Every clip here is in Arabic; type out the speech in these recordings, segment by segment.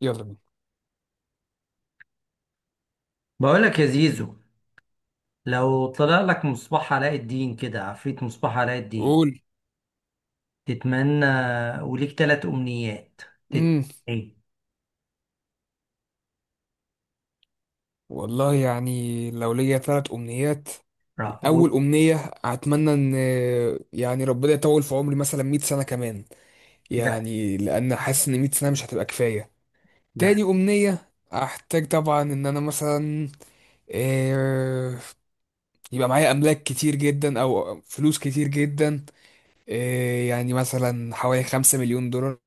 يلا بينا. بقولك يا زيزو، لو طلع لك مصباح علاء الدين كده، عفريت مصباح علاء الدين قول. تتمنى، وليك تلات أمنيات تتمنى امم إيه؟ والله يعني لو ليا ثلاث امنيات. راح بص- اول امنيه، اتمنى ان يعني ربنا يطول في عمري مثلا 100 سنه كمان، لا، يعني لان حاسس ان 100 سنه مش هتبقى كفايه. لا. تاني امنيه، احتاج طبعا ان انا مثلا، آه، يبقى معايا املاك كتير جدا او فلوس كتير جدا. يعني مثلا حوالي 5 مليون دولار،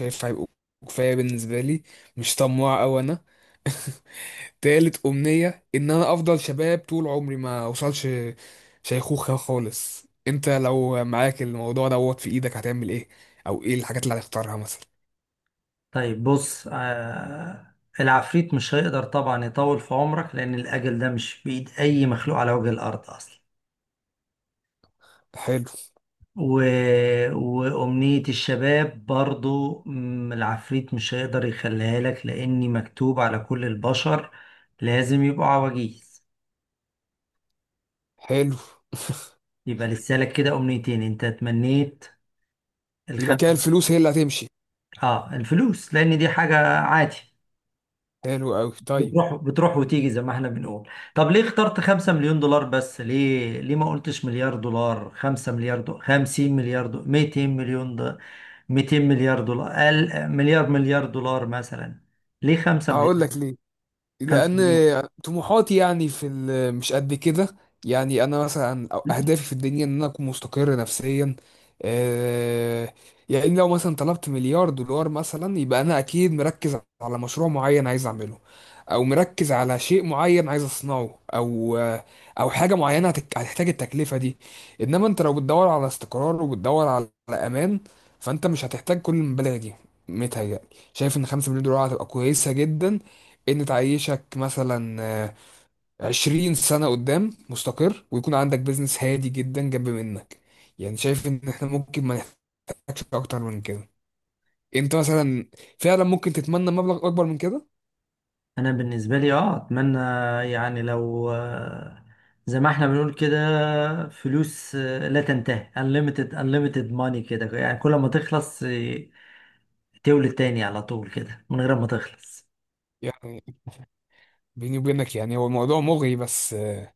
شايف هيبقوا كفايه بالنسبه لي، مش طماع أوي انا. تالت أمنية إن أنا أفضل شباب طول عمري، ما أوصلش شيخوخة خالص. أنت لو معاك الموضوع دوت في إيدك هتعمل إيه؟ أو إيه الحاجات اللي هتختارها مثلا؟ طيب بص، العفريت مش هيقدر طبعا يطول في عمرك، لأن الأجل ده مش في إيد أي مخلوق على وجه الأرض أصلا. حلو. و... وأمنية الشباب برضو العفريت مش هيقدر يخليها لك، لأني مكتوب على كل البشر لازم يبقوا عواجيز. حلو. يبقى لسه لك كده امنيتين، انت تمنيت يبقى كده الخمسه. الفلوس هي اللي هتمشي. اه، الفلوس، لان دي حاجه عادي، حلو أوي، طيب. بتروح بتروح وتيجي زي ما احنا بنقول. طب ليه اخترت 5 مليون دولار بس؟ ليه ما قلتش مليار دولار، 5 مليار دولار، 50 مليار دولار، 200 مليون دولار، 200 مليار دولار، أقل مليار، مليار دولار مثلا؟ ليه 5 هقول مليار، لك ليه. 5 لان مليون؟ طموحاتي يعني في مش قد كده. يعني انا مثلا اهدافي في الدنيا ان انا اكون مستقر نفسيا. آه، يعني لو مثلا طلبت مليار دولار مثلا، يبقى انا اكيد مركز على مشروع معين عايز اعمله، او مركز على شيء معين عايز اصنعه، او حاجه معينه هتحتاج التكلفه دي. انما انت لو بتدور على استقرار وبتدور على امان، فانت مش هتحتاج كل المبالغ دي. متهيألي، شايف ان 5 مليون دولار هتبقى كويسه جدا، ان تعيشك مثلا 20 سنة قدام مستقر، ويكون عندك بيزنس هادي جدا جنب منك. يعني شايف ان احنا ممكن ما نحتاجش اكتر من كده. انت مثلا فعلا ممكن تتمنى مبلغ اكبر من كده. انا بالنسبه لي اتمنى، يعني لو زي ما احنا بنقول كده، فلوس لا تنتهي، unlimited money كده، يعني كل ما تخلص تولد تاني على طول كده من غير ما تخلص. يعني بيني وبينك، يعني هو الموضوع مغري، بس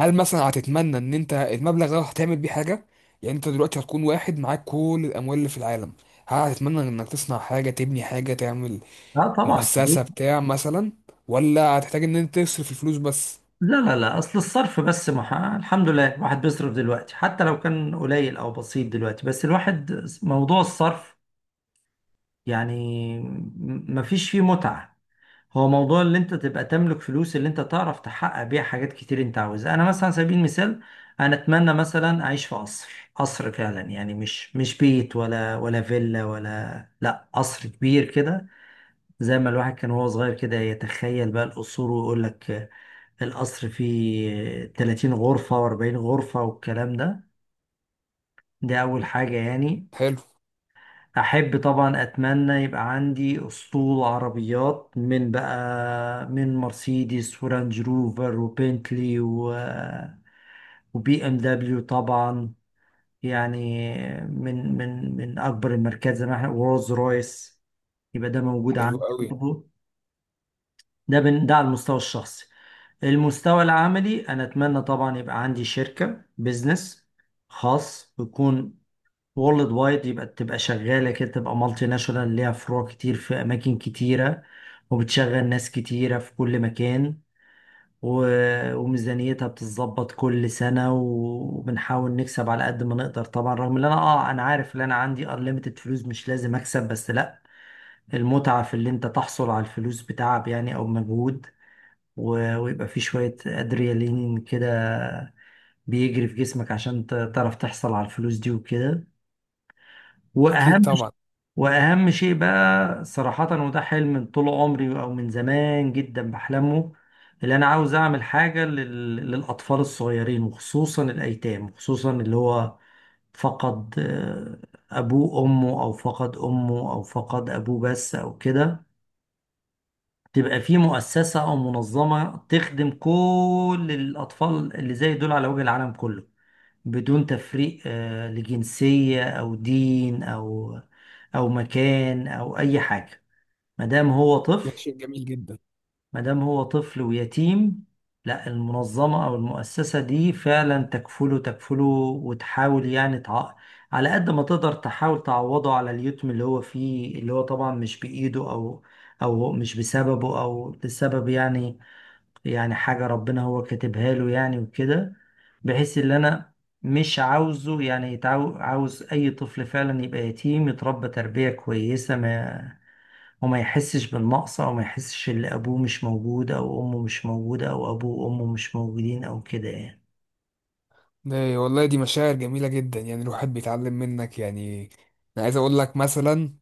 هل مثلا هتتمنى ان انت المبلغ ده هتعمل بيه حاجة؟ يعني انت دلوقتي هتكون واحد معاك كل الاموال اللي في العالم، هل هتتمنى انك تصنع حاجة، تبني حاجة، تعمل اه، طبعا مؤسسة كتير. بتاع مثلا، ولا هتحتاج ان انت تصرف الفلوس بس؟ لا، لا، لا، اصل الصرف بس الحمد لله الواحد بيصرف دلوقتي، حتى لو كان قليل او بسيط دلوقتي، بس الواحد موضوع الصرف يعني مفيش فيه متعه. هو موضوع اللي انت تبقى تملك فلوس، اللي انت تعرف تحقق بيها حاجات كتير انت عاوزها. انا مثلا على سبيل المثال، انا اتمنى مثلا اعيش في قصر. قصر فعلا، يعني مش بيت ولا فيلا ولا لا قصر كبير كده. زي ما الواحد كان وهو صغير كده يتخيل بقى القصور، ويقول لك القصر فيه 30 غرفة و40 غرفة والكلام ده. دي اول حاجة يعني. حلو. أحب طبعا أتمنى يبقى عندي أسطول عربيات، من بقى، من مرسيدس ورانج روفر وبنتلي وبي ام دبليو طبعا، يعني من أكبر الماركات، زي ما احنا، ورولز رويس، يبقى ده موجود حلو عندي قوي. برضه. ده على المستوى الشخصي. المستوى العملي أنا أتمنى طبعا يبقى عندي شركة بيزنس خاص بيكون وورلد وايد، يبقى تبقى شغالة كده، تبقى مالتي ناشونال ليها فروع كتير في أماكن كتيرة، وبتشغل ناس كتيرة في كل مكان، و- وميزانيتها بتتظبط كل سنة، و- وبنحاول نكسب على قد ما نقدر طبعا، رغم ان انا عارف ان انا عندي unlimited فلوس، مش لازم اكسب، بس لا، المتعة في اللي انت تحصل على الفلوس بتعب يعني او مجهود، و- ويبقى في شوية ادريالين كده بيجري في جسمك، عشان تعرف تحصل على الفلوس دي وكده. اكيد واهم ش- طبعا. واهم شيء بقى صراحة، وده حلم من طول عمري او من زمان جدا بحلمه، اللي انا عاوز اعمل حاجة للاطفال الصغيرين، وخصوصا الايتام، وخصوصا اللي هو فقد ابوه امه، او فقد امه، او فقد ابوه بس، او كده. تبقى في مؤسسة او منظمة تخدم كل الاطفال اللي زي دول على وجه العالم كله، بدون تفريق لجنسية أو دين أو مكان أو أي حاجة، ما دام هو ده طفل. شيء جميل جدا. ما دام هو طفل ويتيم، لا المنظمة أو المؤسسة دي فعلا تكفله تكفله، وتحاول يعني على قد ما تقدر تحاول تعوضه على اليتم اللي هو فيه، اللي هو طبعا مش بإيده، أو مش بسببه، أو لسبب يعني، يعني حاجة ربنا هو كاتبها له يعني وكده. بحيث ان انا مش عاوزه يعني عاوز اي طفل فعلا يبقى يتيم يتربى تربية كويسة، ما وما يحسش بالنقص، او ما يحسش ان ابوه مش موجود، او امه مش موجودة، او ابوه وامه مش موجودين، او كده يعني. ده والله دي مشاعر جميله جدا، يعني الواحد بيتعلم منك يعني. انا عايز اقول لك مثلا،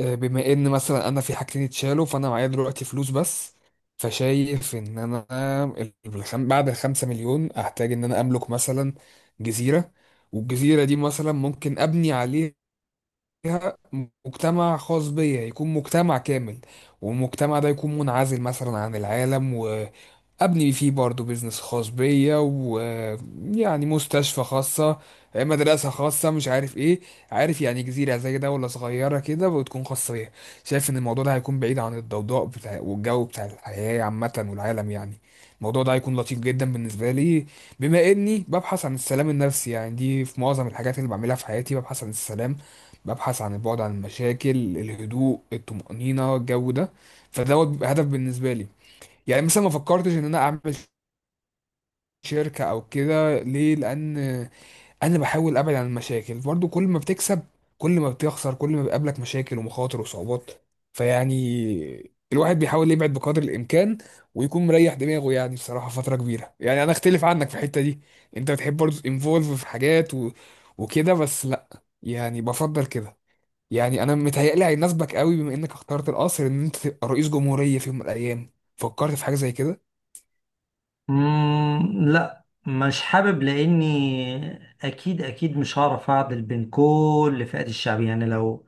بما ان مثلا انا في حاجتين اتشالوا، فانا معايا دلوقتي فلوس بس. فشايف ان انا بعد الخمسة مليون احتاج ان انا املك مثلا جزيره، والجزيره دي مثلا ممكن ابني عليه مجتمع خاص بيا، يكون مجتمع كامل. والمجتمع ده يكون منعزل مثلا عن العالم. ابني فيه برضو بيزنس خاص بيا، ويعني مستشفى خاصة، مدرسة خاصة، مش عارف ايه. عارف، يعني جزيرة زي دولة صغيرة كده، وتكون خاصة بيها. شايف ان الموضوع ده هيكون بعيد عن الضوضاء بتاع والجو بتاع الحياة عامة والعالم، يعني الموضوع ده هيكون لطيف جدا بالنسبة لي. بما اني ببحث عن السلام النفسي، يعني دي في معظم الحاجات اللي بعملها في حياتي، ببحث عن السلام، ببحث عن البعد عن المشاكل، الهدوء، الطمأنينة، الجو ده. فدوت بيبقى هدف بالنسبة لي. يعني مثلا ما فكرتش ان انا اعمل شركة او كده ليه؟ لان انا بحاول ابعد عن المشاكل برضو. كل ما بتكسب، كل ما بتخسر، كل ما بيقابلك مشاكل ومخاطر وصعوبات، فيعني الواحد بيحاول يبعد بقدر الامكان ويكون مريح دماغه، يعني بصراحة فترة كبيرة. يعني انا اختلف عنك في الحتة دي. انت بتحب برضو انفولف في حاجات وكده، بس لا، يعني بفضل كده. يعني انا متهيألي هيناسبك قوي، بما انك اخترت القصر، ان انت تبقى رئيس جمهورية في يوم من الايام. فكرت في حاجة زي كده؟ مم، لا، مش حابب، لاني اكيد اكيد مش هعرف اعدل بين كل فئات الشعب. يعني لو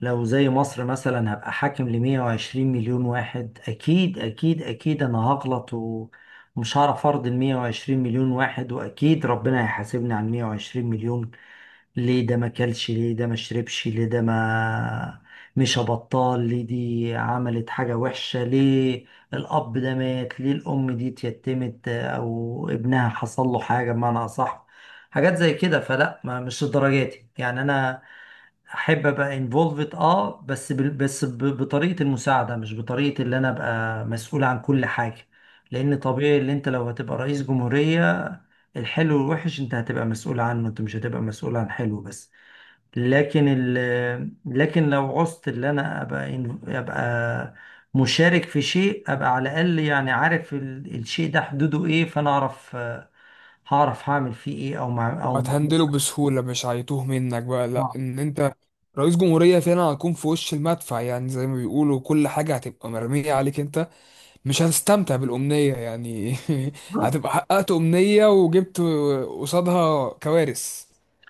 لو زي مصر مثلا، هبقى حاكم ل 120 مليون واحد، اكيد اكيد اكيد انا هغلط، و- ومش هعرف ارضي ال 120 مليون واحد، واكيد ربنا هيحاسبني على 120 مليون. ليه ده ما كلش، ليه ده ما شربش، ليه ده ما مش بطال، ليه دي عملت حاجة وحشة، ليه الأب ده مات، ليه الأم دي اتيتمت أو ابنها حصل له حاجة بمعنى أصح. حاجات زي كده، فلا، ما مش لدرجاتي يعني. أنا أحب أبقى انفولفد، بس بطريقة المساعدة، مش بطريقة اللي أنا أبقى مسؤول عن كل حاجة. لأن طبيعي اللي أنت لو هتبقى رئيس جمهورية، الحلو والوحش أنت هتبقى مسؤول عنه، أنت مش هتبقى مسؤول عن حلو بس. لكن لو عوزت اللي انا ابقى مشارك في شيء، ابقى على الاقل يعني عارف الشيء ده حدوده ايه، فانا اعرف هعرف هعمل فيه ايه، او مش وهتهندله بسهولة، مش هيتوه منك بقى. لا، ان انت رئيس جمهورية فعلا هتكون في وش المدفع، يعني زي ما بيقولوا، كل حاجة هتبقى مرمية عليك انت. مش هتستمتع بالأمنية يعني. هعرف. هتبقى حققت أمنية وجبت قصادها كوارث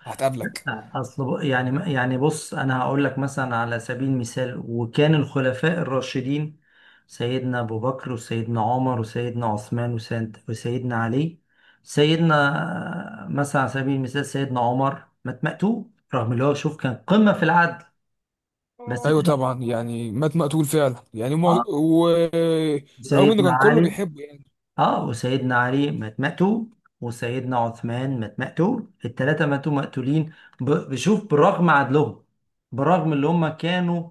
هتقابلك. اصل يعني بص، انا هقول لك مثلا على سبيل المثال، وكان الخلفاء الراشدين سيدنا ابو بكر وسيدنا عمر وسيدنا عثمان وسيدنا علي. سيدنا مثلا على سبيل المثال، سيدنا عمر مات مقتول، رغم اللي هو، شوف، كان قمة في العدل، بس ايوه اتقتل. طبعا، يعني مات مقتول فعلا، يعني ما... اه، ورغم انه سيدنا كان كله علي بيحبه يعني. اه وسيدنا علي مات مقتول، وسيدنا عثمان مات مقتول، الثلاثة ماتوا مقتولين. بشوف بالرغم عدلهم، برغم اللي هم كانوا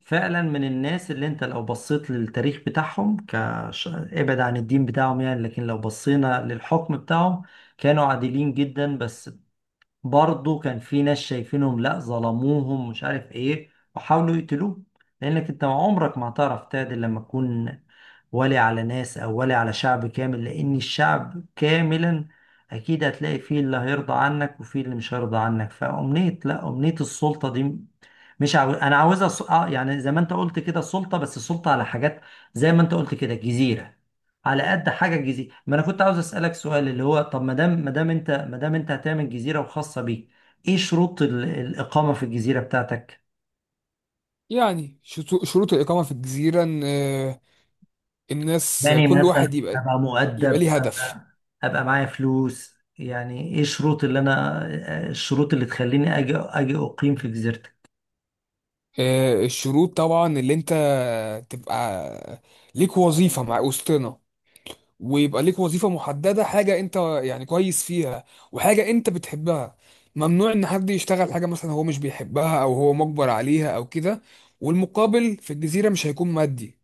فعلا من الناس، اللي انت لو بصيت للتاريخ بتاعهم، ابعد عن الدين بتاعهم يعني، لكن لو بصينا للحكم بتاعهم، كانوا عادلين جدا. بس برضه كان في ناس شايفينهم لا ظلموهم مش عارف ايه، وحاولوا يقتلوه. لانك انت عمرك ما هتعرف تعدل لما تكون ولي على ناس او ولي على شعب كامل، لان الشعب كاملا اكيد هتلاقي فيه اللي هيرضى عنك وفيه اللي مش هيرضى عنك. فامنية، لا، امنية السلطة دي مش عاوز. انا عاوزها س... آه يعني زي ما انت قلت كده، سلطة، بس سلطة على حاجات زي ما انت قلت كده، جزيرة، على قد حاجه الجزيره. ما انا كنت عاوز اسالك سؤال، اللي هو طب، ما دام انت هتعمل جزيره وخاصه بيك، ايه شروط الاقامه في الجزيره بتاعتك؟ يعني شروط الإقامة في الجزيرة ان الناس يعني كل واحد مثلا يبقى، ابقى مؤدب، يبقى ليه هدف. ابقى معايا فلوس، يعني ايه الشروط اللي انا الشروط اللي تخليني اجي اقيم في جزيرتك؟ الشروط طبعا اللي انت تبقى ليك وظيفة مع وسطنا، ويبقى ليك وظيفة محددة، حاجة انت يعني كويس فيها، وحاجة انت بتحبها. ممنوع ان حد يشتغل حاجة مثلا هو مش بيحبها او هو مجبر عليها او كده. والمقابل في الجزيرة مش هيكون مادي،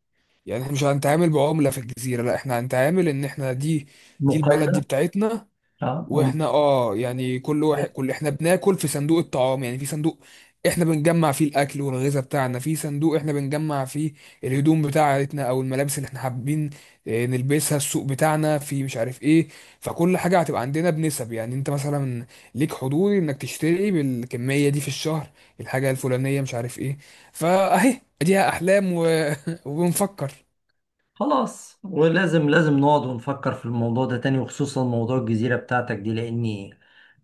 يعني احنا مش هنتعامل بعملة في الجزيرة. لا، احنا هنتعامل ان احنا دي البلد دي مقايضه. بتاعتنا، اه، واحنا يعني كل واحد، كل احنا بناكل في صندوق الطعام، يعني في صندوق احنا بنجمع فيه الاكل والغذاء بتاعنا، في صندوق احنا بنجمع فيه الهدوم بتاعتنا او الملابس اللي احنا حابين نلبسها، السوق بتاعنا في مش عارف ايه. فكل حاجة هتبقى عندنا بنسب، يعني انت مثلا ليك حضور انك تشتري بالكمية دي في الشهر الحاجة الفلانية، مش عارف ايه. فاهي اديها احلام وبنفكر. خلاص، ولازم نقعد ونفكر في الموضوع ده تاني، وخصوصا موضوع الجزيرة بتاعتك دي، لأني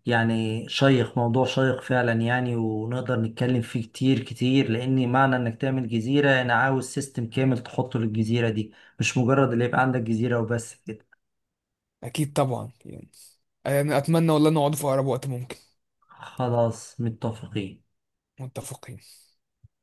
يعني موضوع شيق فعلا يعني، ونقدر نتكلم فيه كتير كتير، لأني معنى إنك تعمل جزيرة، أنا عاوز سيستم كامل تحطه للجزيرة دي، مش مجرد اللي يبقى عندك جزيرة وبس كده. اكيد طبعا. يعني انا اتمنى والله نقعد في اقرب وقت ممكن. خلاص، متفقين. متفقين.